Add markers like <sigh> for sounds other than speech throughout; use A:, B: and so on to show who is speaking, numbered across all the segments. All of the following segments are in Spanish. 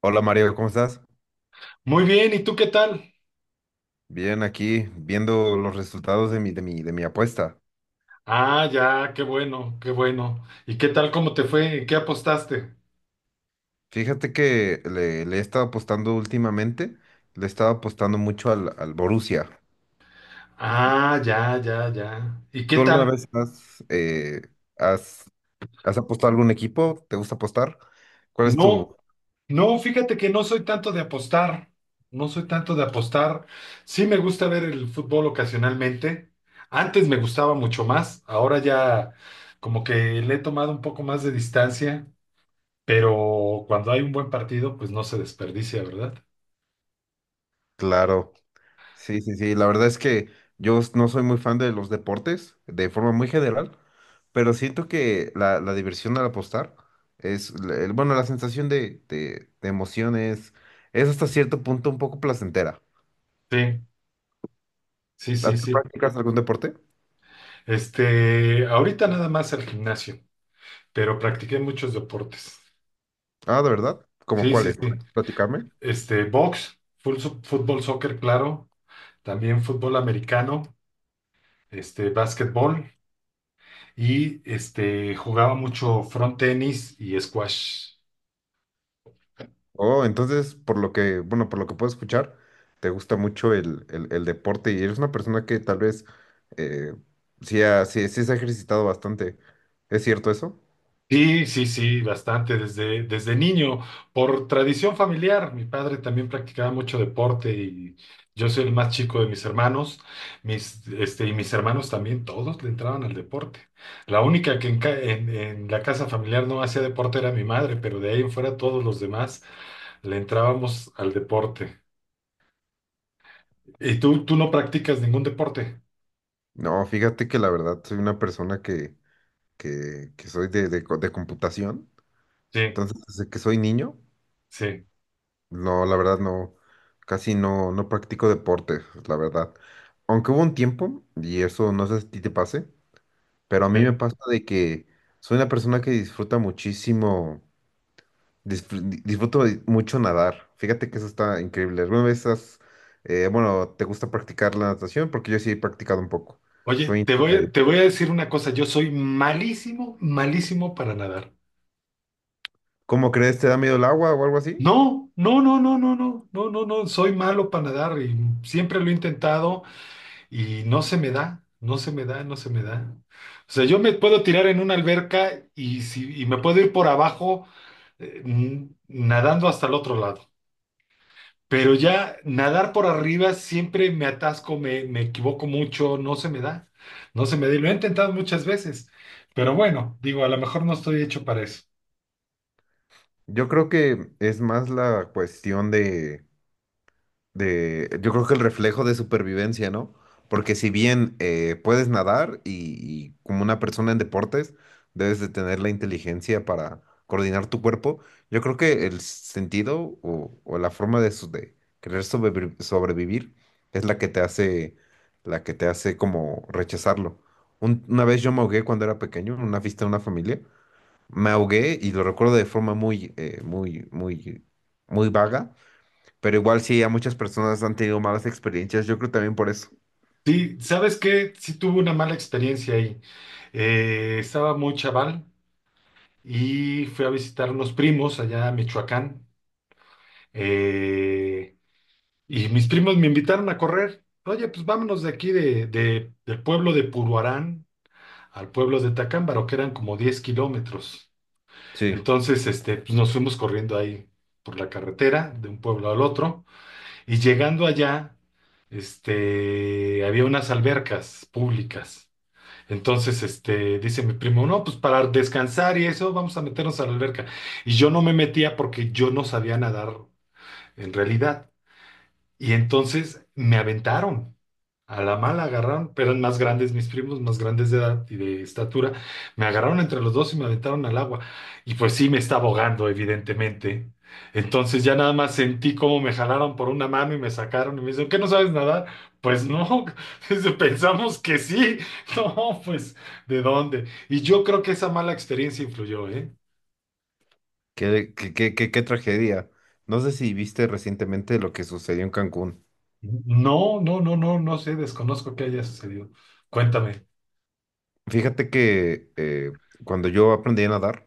A: Hola Mario, ¿cómo estás?
B: Muy bien, ¿y tú qué tal?
A: Bien, aquí viendo los resultados de mi apuesta.
B: Ah, ya, qué bueno, qué bueno. ¿Y qué tal, cómo te fue? ¿En qué apostaste?
A: Fíjate que le he estado apostando últimamente, le he estado apostando mucho al Borussia.
B: Ah, ya, ya, ya. ¿Y qué
A: ¿Tú alguna
B: tal?
A: vez has, has apostado a algún equipo? ¿Te gusta apostar? ¿Cuál es tu...?
B: No, no, fíjate que no soy tanto de apostar. No soy tanto de apostar. Sí me gusta ver el fútbol ocasionalmente. Antes me gustaba mucho más. Ahora ya como que le he tomado un poco más de distancia. Pero cuando hay un buen partido, pues no se desperdicia, ¿verdad?
A: Claro. Sí, sí, sí. La verdad es que yo no soy muy fan de los deportes de forma muy general, pero siento que la diversión al apostar es, la sensación de emociones es hasta cierto punto un poco placentera.
B: Sí, sí,
A: ¿Ah,
B: sí,
A: ¿tú
B: sí.
A: practicas algún deporte?
B: Ahorita nada más al gimnasio, pero practiqué muchos deportes.
A: Ah, ¿de verdad? ¿Cómo
B: Sí,
A: cuál
B: sí,
A: es?
B: sí.
A: Platícame.
B: Box, fútbol, soccer, claro, también fútbol americano, básquetbol y jugaba mucho front tenis y squash.
A: Oh, entonces, por lo que, bueno, por lo que puedo escuchar, te gusta mucho el deporte y eres una persona que tal vez eh, sí, sí se ha ejercitado bastante. ¿Es cierto eso?
B: Sí, sí, sí, bastante, desde niño, por tradición familiar. Mi padre también practicaba mucho deporte y yo soy el más chico de mis hermanos, y mis hermanos también, todos le entraban al deporte. La única que en la casa familiar no hacía deporte era mi madre, pero de ahí en fuera todos los demás le entrábamos al deporte. ¿Y tú no practicas ningún deporte?
A: No, fíjate que la verdad soy una persona que soy de computación.
B: Sí,
A: Entonces, desde que soy niño,
B: sí,
A: no, la verdad no, casi no, no practico deportes, la verdad. Aunque hubo un tiempo, y eso no sé si a ti te pase, pero a mí me
B: sí.
A: pasa de que soy una persona que disfruta muchísimo, disfruto mucho nadar. Fíjate que eso está increíble. ¿Alguna vez te gusta practicar la natación? Porque yo sí he practicado un poco.
B: Oye,
A: Soy
B: te
A: intermedio.
B: voy, te voy a decir una cosa, yo soy malísimo, malísimo para nadar.
A: ¿Cómo crees? ¿Te da miedo el agua o algo así?
B: No, no, no, no, no, no, no, no, no, soy malo para nadar y siempre lo he intentado y no se me da, no se me da, no se me da. O sea, yo me puedo tirar en una alberca y, si, y me puedo ir por abajo nadando hasta el otro lado, pero ya nadar por arriba siempre me atasco, me equivoco mucho, no se me da, no se me da y lo he intentado muchas veces, pero bueno, digo, a lo mejor no estoy hecho para eso.
A: Yo creo que es más la cuestión yo creo que el reflejo de supervivencia, ¿no? Porque si bien puedes nadar y como una persona en deportes, debes de tener la inteligencia para coordinar tu cuerpo, yo creo que el sentido o la forma de, de querer sobrevivir es la que te hace, la que te hace como rechazarlo. Una vez yo me ahogué cuando era pequeño en una fiesta de una familia, me ahogué y lo recuerdo de forma muy, muy vaga, pero igual sí, a muchas personas han tenido malas experiencias, yo creo también por eso.
B: Sí, ¿sabes qué? Sí tuve una mala experiencia ahí. Estaba muy chaval y fui a visitar unos primos allá a Michoacán. Eh, y mis primos me invitaron a correr. Oye, pues vámonos de aquí del pueblo de Puruarán al pueblo de Tacámbaro, que eran como 10 kilómetros.
A: Sí,
B: Entonces, pues nos fuimos corriendo ahí por la carretera de un pueblo al otro. Y llegando allá, había unas albercas públicas. Entonces, dice mi primo, no, pues para descansar y eso, vamos a meternos a la alberca. Y yo no me metía porque yo no sabía nadar en realidad. Y entonces me aventaron. A la mala agarraron, pero eran más grandes mis primos, más grandes de edad y de estatura. Me agarraron entre los dos y me aventaron al agua. Y pues sí, me estaba ahogando, evidentemente. Entonces ya nada más sentí cómo me jalaron por una mano y me sacaron y me dicen, ¿qué no sabes nadar? Pues no. <laughs> dice, pensamos que sí. <laughs> No, pues, ¿de dónde? Y yo creo que esa mala experiencia influyó, ¿eh?
A: qué tragedia. No sé si viste recientemente lo que sucedió en Cancún.
B: No, no, no, no, no sé, desconozco qué haya sucedido. Cuéntame.
A: Fíjate que cuando yo aprendí a nadar,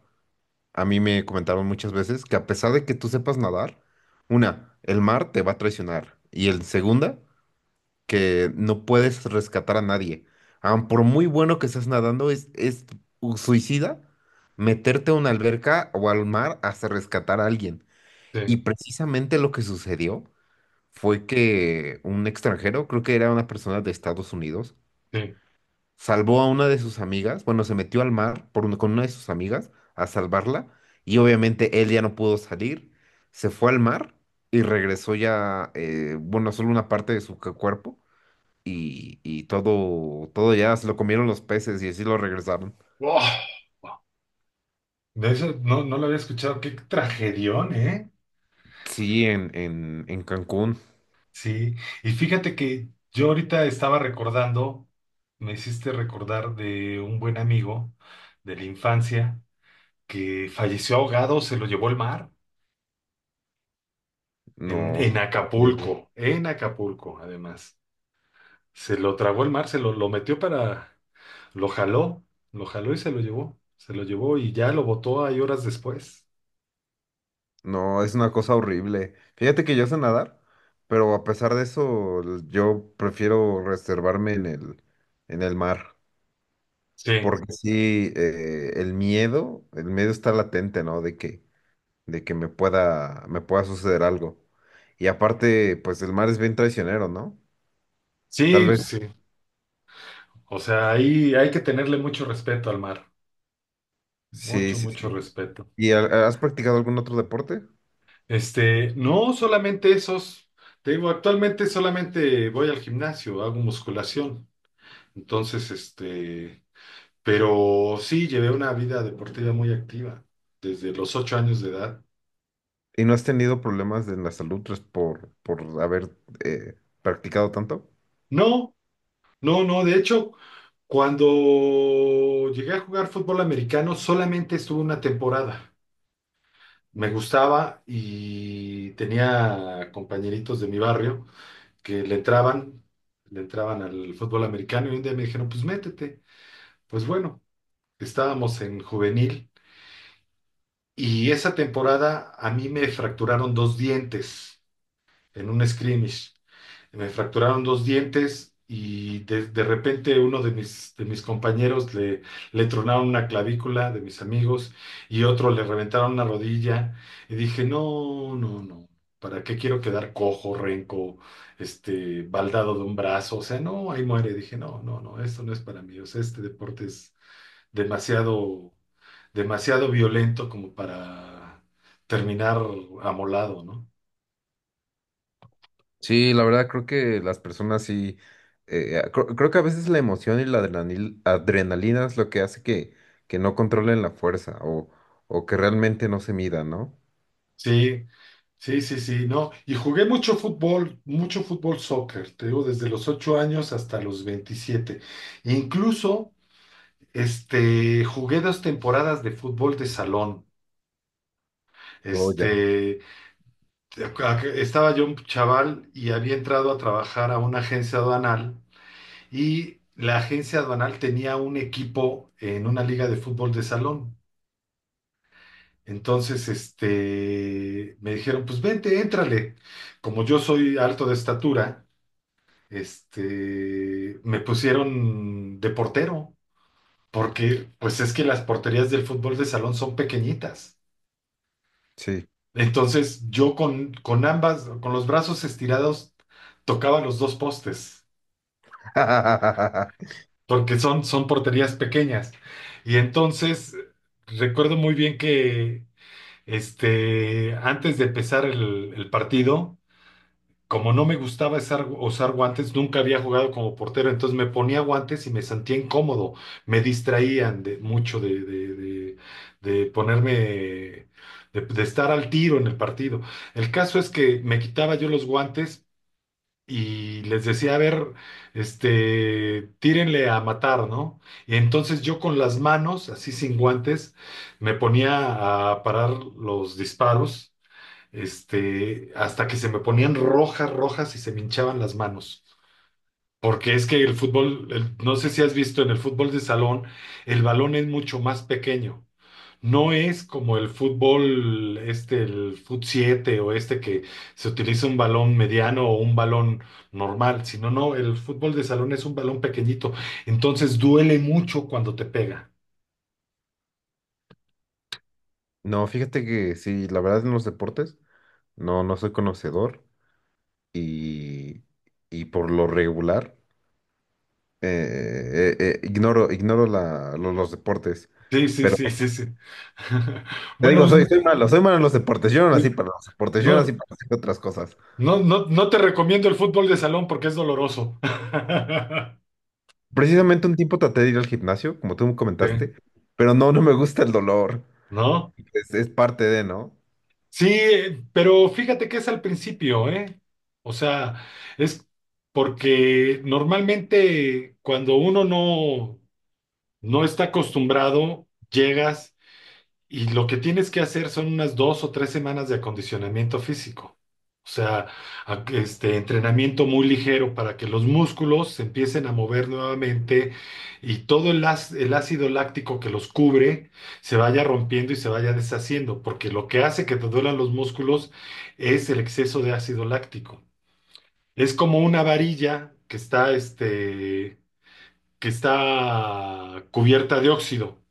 A: a mí me comentaron muchas veces que a pesar de que tú sepas nadar, una, el mar te va a traicionar y el segunda, que no puedes rescatar a nadie. Aun por muy bueno que estés nadando, es suicida meterte a una alberca o al mar hasta rescatar a alguien. Y
B: Sí,
A: precisamente lo que sucedió fue que un extranjero, creo que era una persona de Estados Unidos,
B: sí.
A: salvó a una de sus amigas, bueno, se metió al mar con una de sus amigas a salvarla y obviamente él ya no pudo salir, se fue al mar y regresó ya, solo una parte de su cuerpo y, todo ya se lo comieron los peces y así lo regresaron.
B: Oh. De eso no, no lo había escuchado. Qué tragedión, ¿eh?
A: Sí, en Cancún.
B: Sí. Y fíjate que yo ahorita estaba recordando, me hiciste recordar de un buen amigo de la infancia que falleció ahogado, se lo llevó el mar en,
A: No,
B: en
A: qué tragedia.
B: Acapulco, en Acapulco, además. Se lo tragó el mar, lo metió. Lo jaló, lo jaló y se lo llevó. Se lo llevó y ya lo botó ahí horas después.
A: No, es una cosa horrible. Fíjate que yo sé nadar, pero a pesar de eso, yo prefiero reservarme en el mar.
B: Sí,
A: Porque sí, el miedo está latente, ¿no? De que me pueda suceder algo. Y aparte, pues el mar es bien traicionero, ¿no? Tal
B: sí,
A: vez.
B: sí. O sea, ahí hay que tenerle mucho respeto al mar.
A: Sí,
B: Mucho,
A: sí,
B: mucho
A: sí.
B: respeto.
A: ¿Y has practicado algún otro deporte?
B: No solamente esos. Te digo, actualmente solamente voy al gimnasio, hago musculación. Entonces, pero sí llevé una vida deportiva muy activa desde los 8 años de edad.
A: ¿Y no has tenido problemas en la salud pues, por haber eh, practicado tanto?
B: No, no, no. De hecho, cuando llegué a jugar fútbol americano, solamente estuve una temporada. Me gustaba y tenía compañeritos de mi barrio que le entraban al fútbol americano y un día me dijeron, pues métete. Pues bueno, estábamos en juvenil y esa temporada a mí me fracturaron dos dientes en un scrimmage. Me fracturaron dos dientes y de repente uno de mis compañeros le tronaron una clavícula de mis amigos y otro le reventaron una rodilla. Y dije, no, no, no, ¿para qué quiero quedar cojo, renco, baldado de un brazo? O sea, no, ahí muere. Dije, no, no, no, esto no es para mí. O sea, este deporte es demasiado, demasiado violento como para terminar amolado, ¿no?
A: Sí, la verdad creo que las personas sí, creo, que a veces la emoción y adrenalina es lo que hace que no controlen la fuerza o que realmente no se midan, ¿no?
B: Sí, sí, sí, sí, no. Y jugué mucho fútbol soccer, te digo, desde los 8 años hasta los 27. Incluso, jugué dos temporadas de fútbol de salón.
A: Oh, ya.
B: Este, estaba yo un chaval y había entrado a trabajar a una agencia aduanal y la agencia aduanal tenía un equipo en una liga de fútbol de salón. Entonces, me dijeron, pues vente, éntrale. Como yo soy alto de estatura, me pusieron de portero, porque pues es que las porterías del fútbol de salón son pequeñitas.
A: Sí.
B: Entonces yo con los brazos estirados, tocaba los dos postes,
A: <laughs>
B: porque son porterías pequeñas. Y entonces recuerdo muy bien que antes de empezar el partido, como no me gustaba usar guantes, nunca había jugado como portero, entonces me ponía guantes y me sentía incómodo, me distraían mucho de ponerme, de, de estar al tiro en el partido. El caso es que me quitaba yo los guantes y les decía, a ver, tírenle a matar, ¿no? Y entonces yo con las manos, así sin guantes, me ponía a parar los disparos hasta que se me ponían rojas, rojas y se me hinchaban las manos. Porque es que no sé si has visto, en el fútbol de salón, el balón es mucho más pequeño. No es como el fútbol, el fut 7 o este que se utiliza un balón mediano o un balón normal, sino no, el fútbol de salón es un balón pequeñito. Entonces duele mucho cuando te pega.
A: No, fíjate que sí, la verdad en los deportes no, no soy conocedor y, y por lo regular. Ignoro, ignoro los deportes.
B: Sí, sí,
A: Pero
B: sí, sí, sí. <laughs>
A: te
B: Bueno,
A: digo,
B: pues,
A: soy malo en los deportes. Yo no nací
B: sí,
A: para los deportes, yo nací
B: no,
A: para hacer otras cosas.
B: no, no, no te recomiendo el fútbol de salón porque es doloroso. <laughs>
A: Precisamente un tiempo traté de ir al gimnasio, como tú me
B: Sí,
A: comentaste, pero no, no me gusta el dolor.
B: ¿no?
A: Es parte de, ¿no?
B: Sí, pero fíjate que es al principio, ¿eh? O sea, es porque normalmente cuando uno no está acostumbrado, llegas. Y lo que tienes que hacer son unas 2 o 3 semanas de acondicionamiento físico. O sea, entrenamiento muy ligero para que los músculos se empiecen a mover nuevamente y todo el ácido láctico que los cubre se vaya rompiendo y se vaya deshaciendo, porque lo que hace que te duelan los músculos es el exceso de ácido láctico. Es como una varilla que está, que está cubierta de óxido.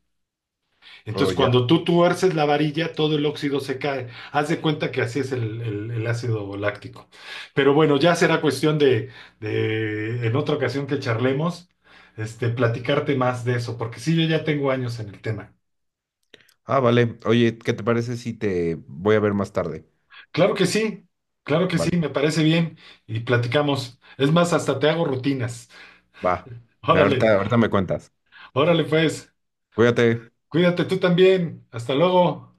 A: Oh,
B: Entonces,
A: ya.
B: cuando tú tuerces la varilla, todo el óxido se cae. Haz de cuenta que así es el, el ácido láctico. Pero bueno, ya será cuestión de, en otra ocasión que charlemos, platicarte más de eso, porque sí, yo ya tengo años en el tema.
A: Ah, vale. Oye, ¿qué te parece si te voy a ver más tarde?
B: Claro que sí, claro que sí,
A: Vale,
B: me parece bien y platicamos. Es más, hasta te hago rutinas.
A: va.
B: Órale,
A: Ahorita, ahorita me cuentas.
B: órale pues,
A: Cuídate.
B: cuídate tú también. Hasta luego.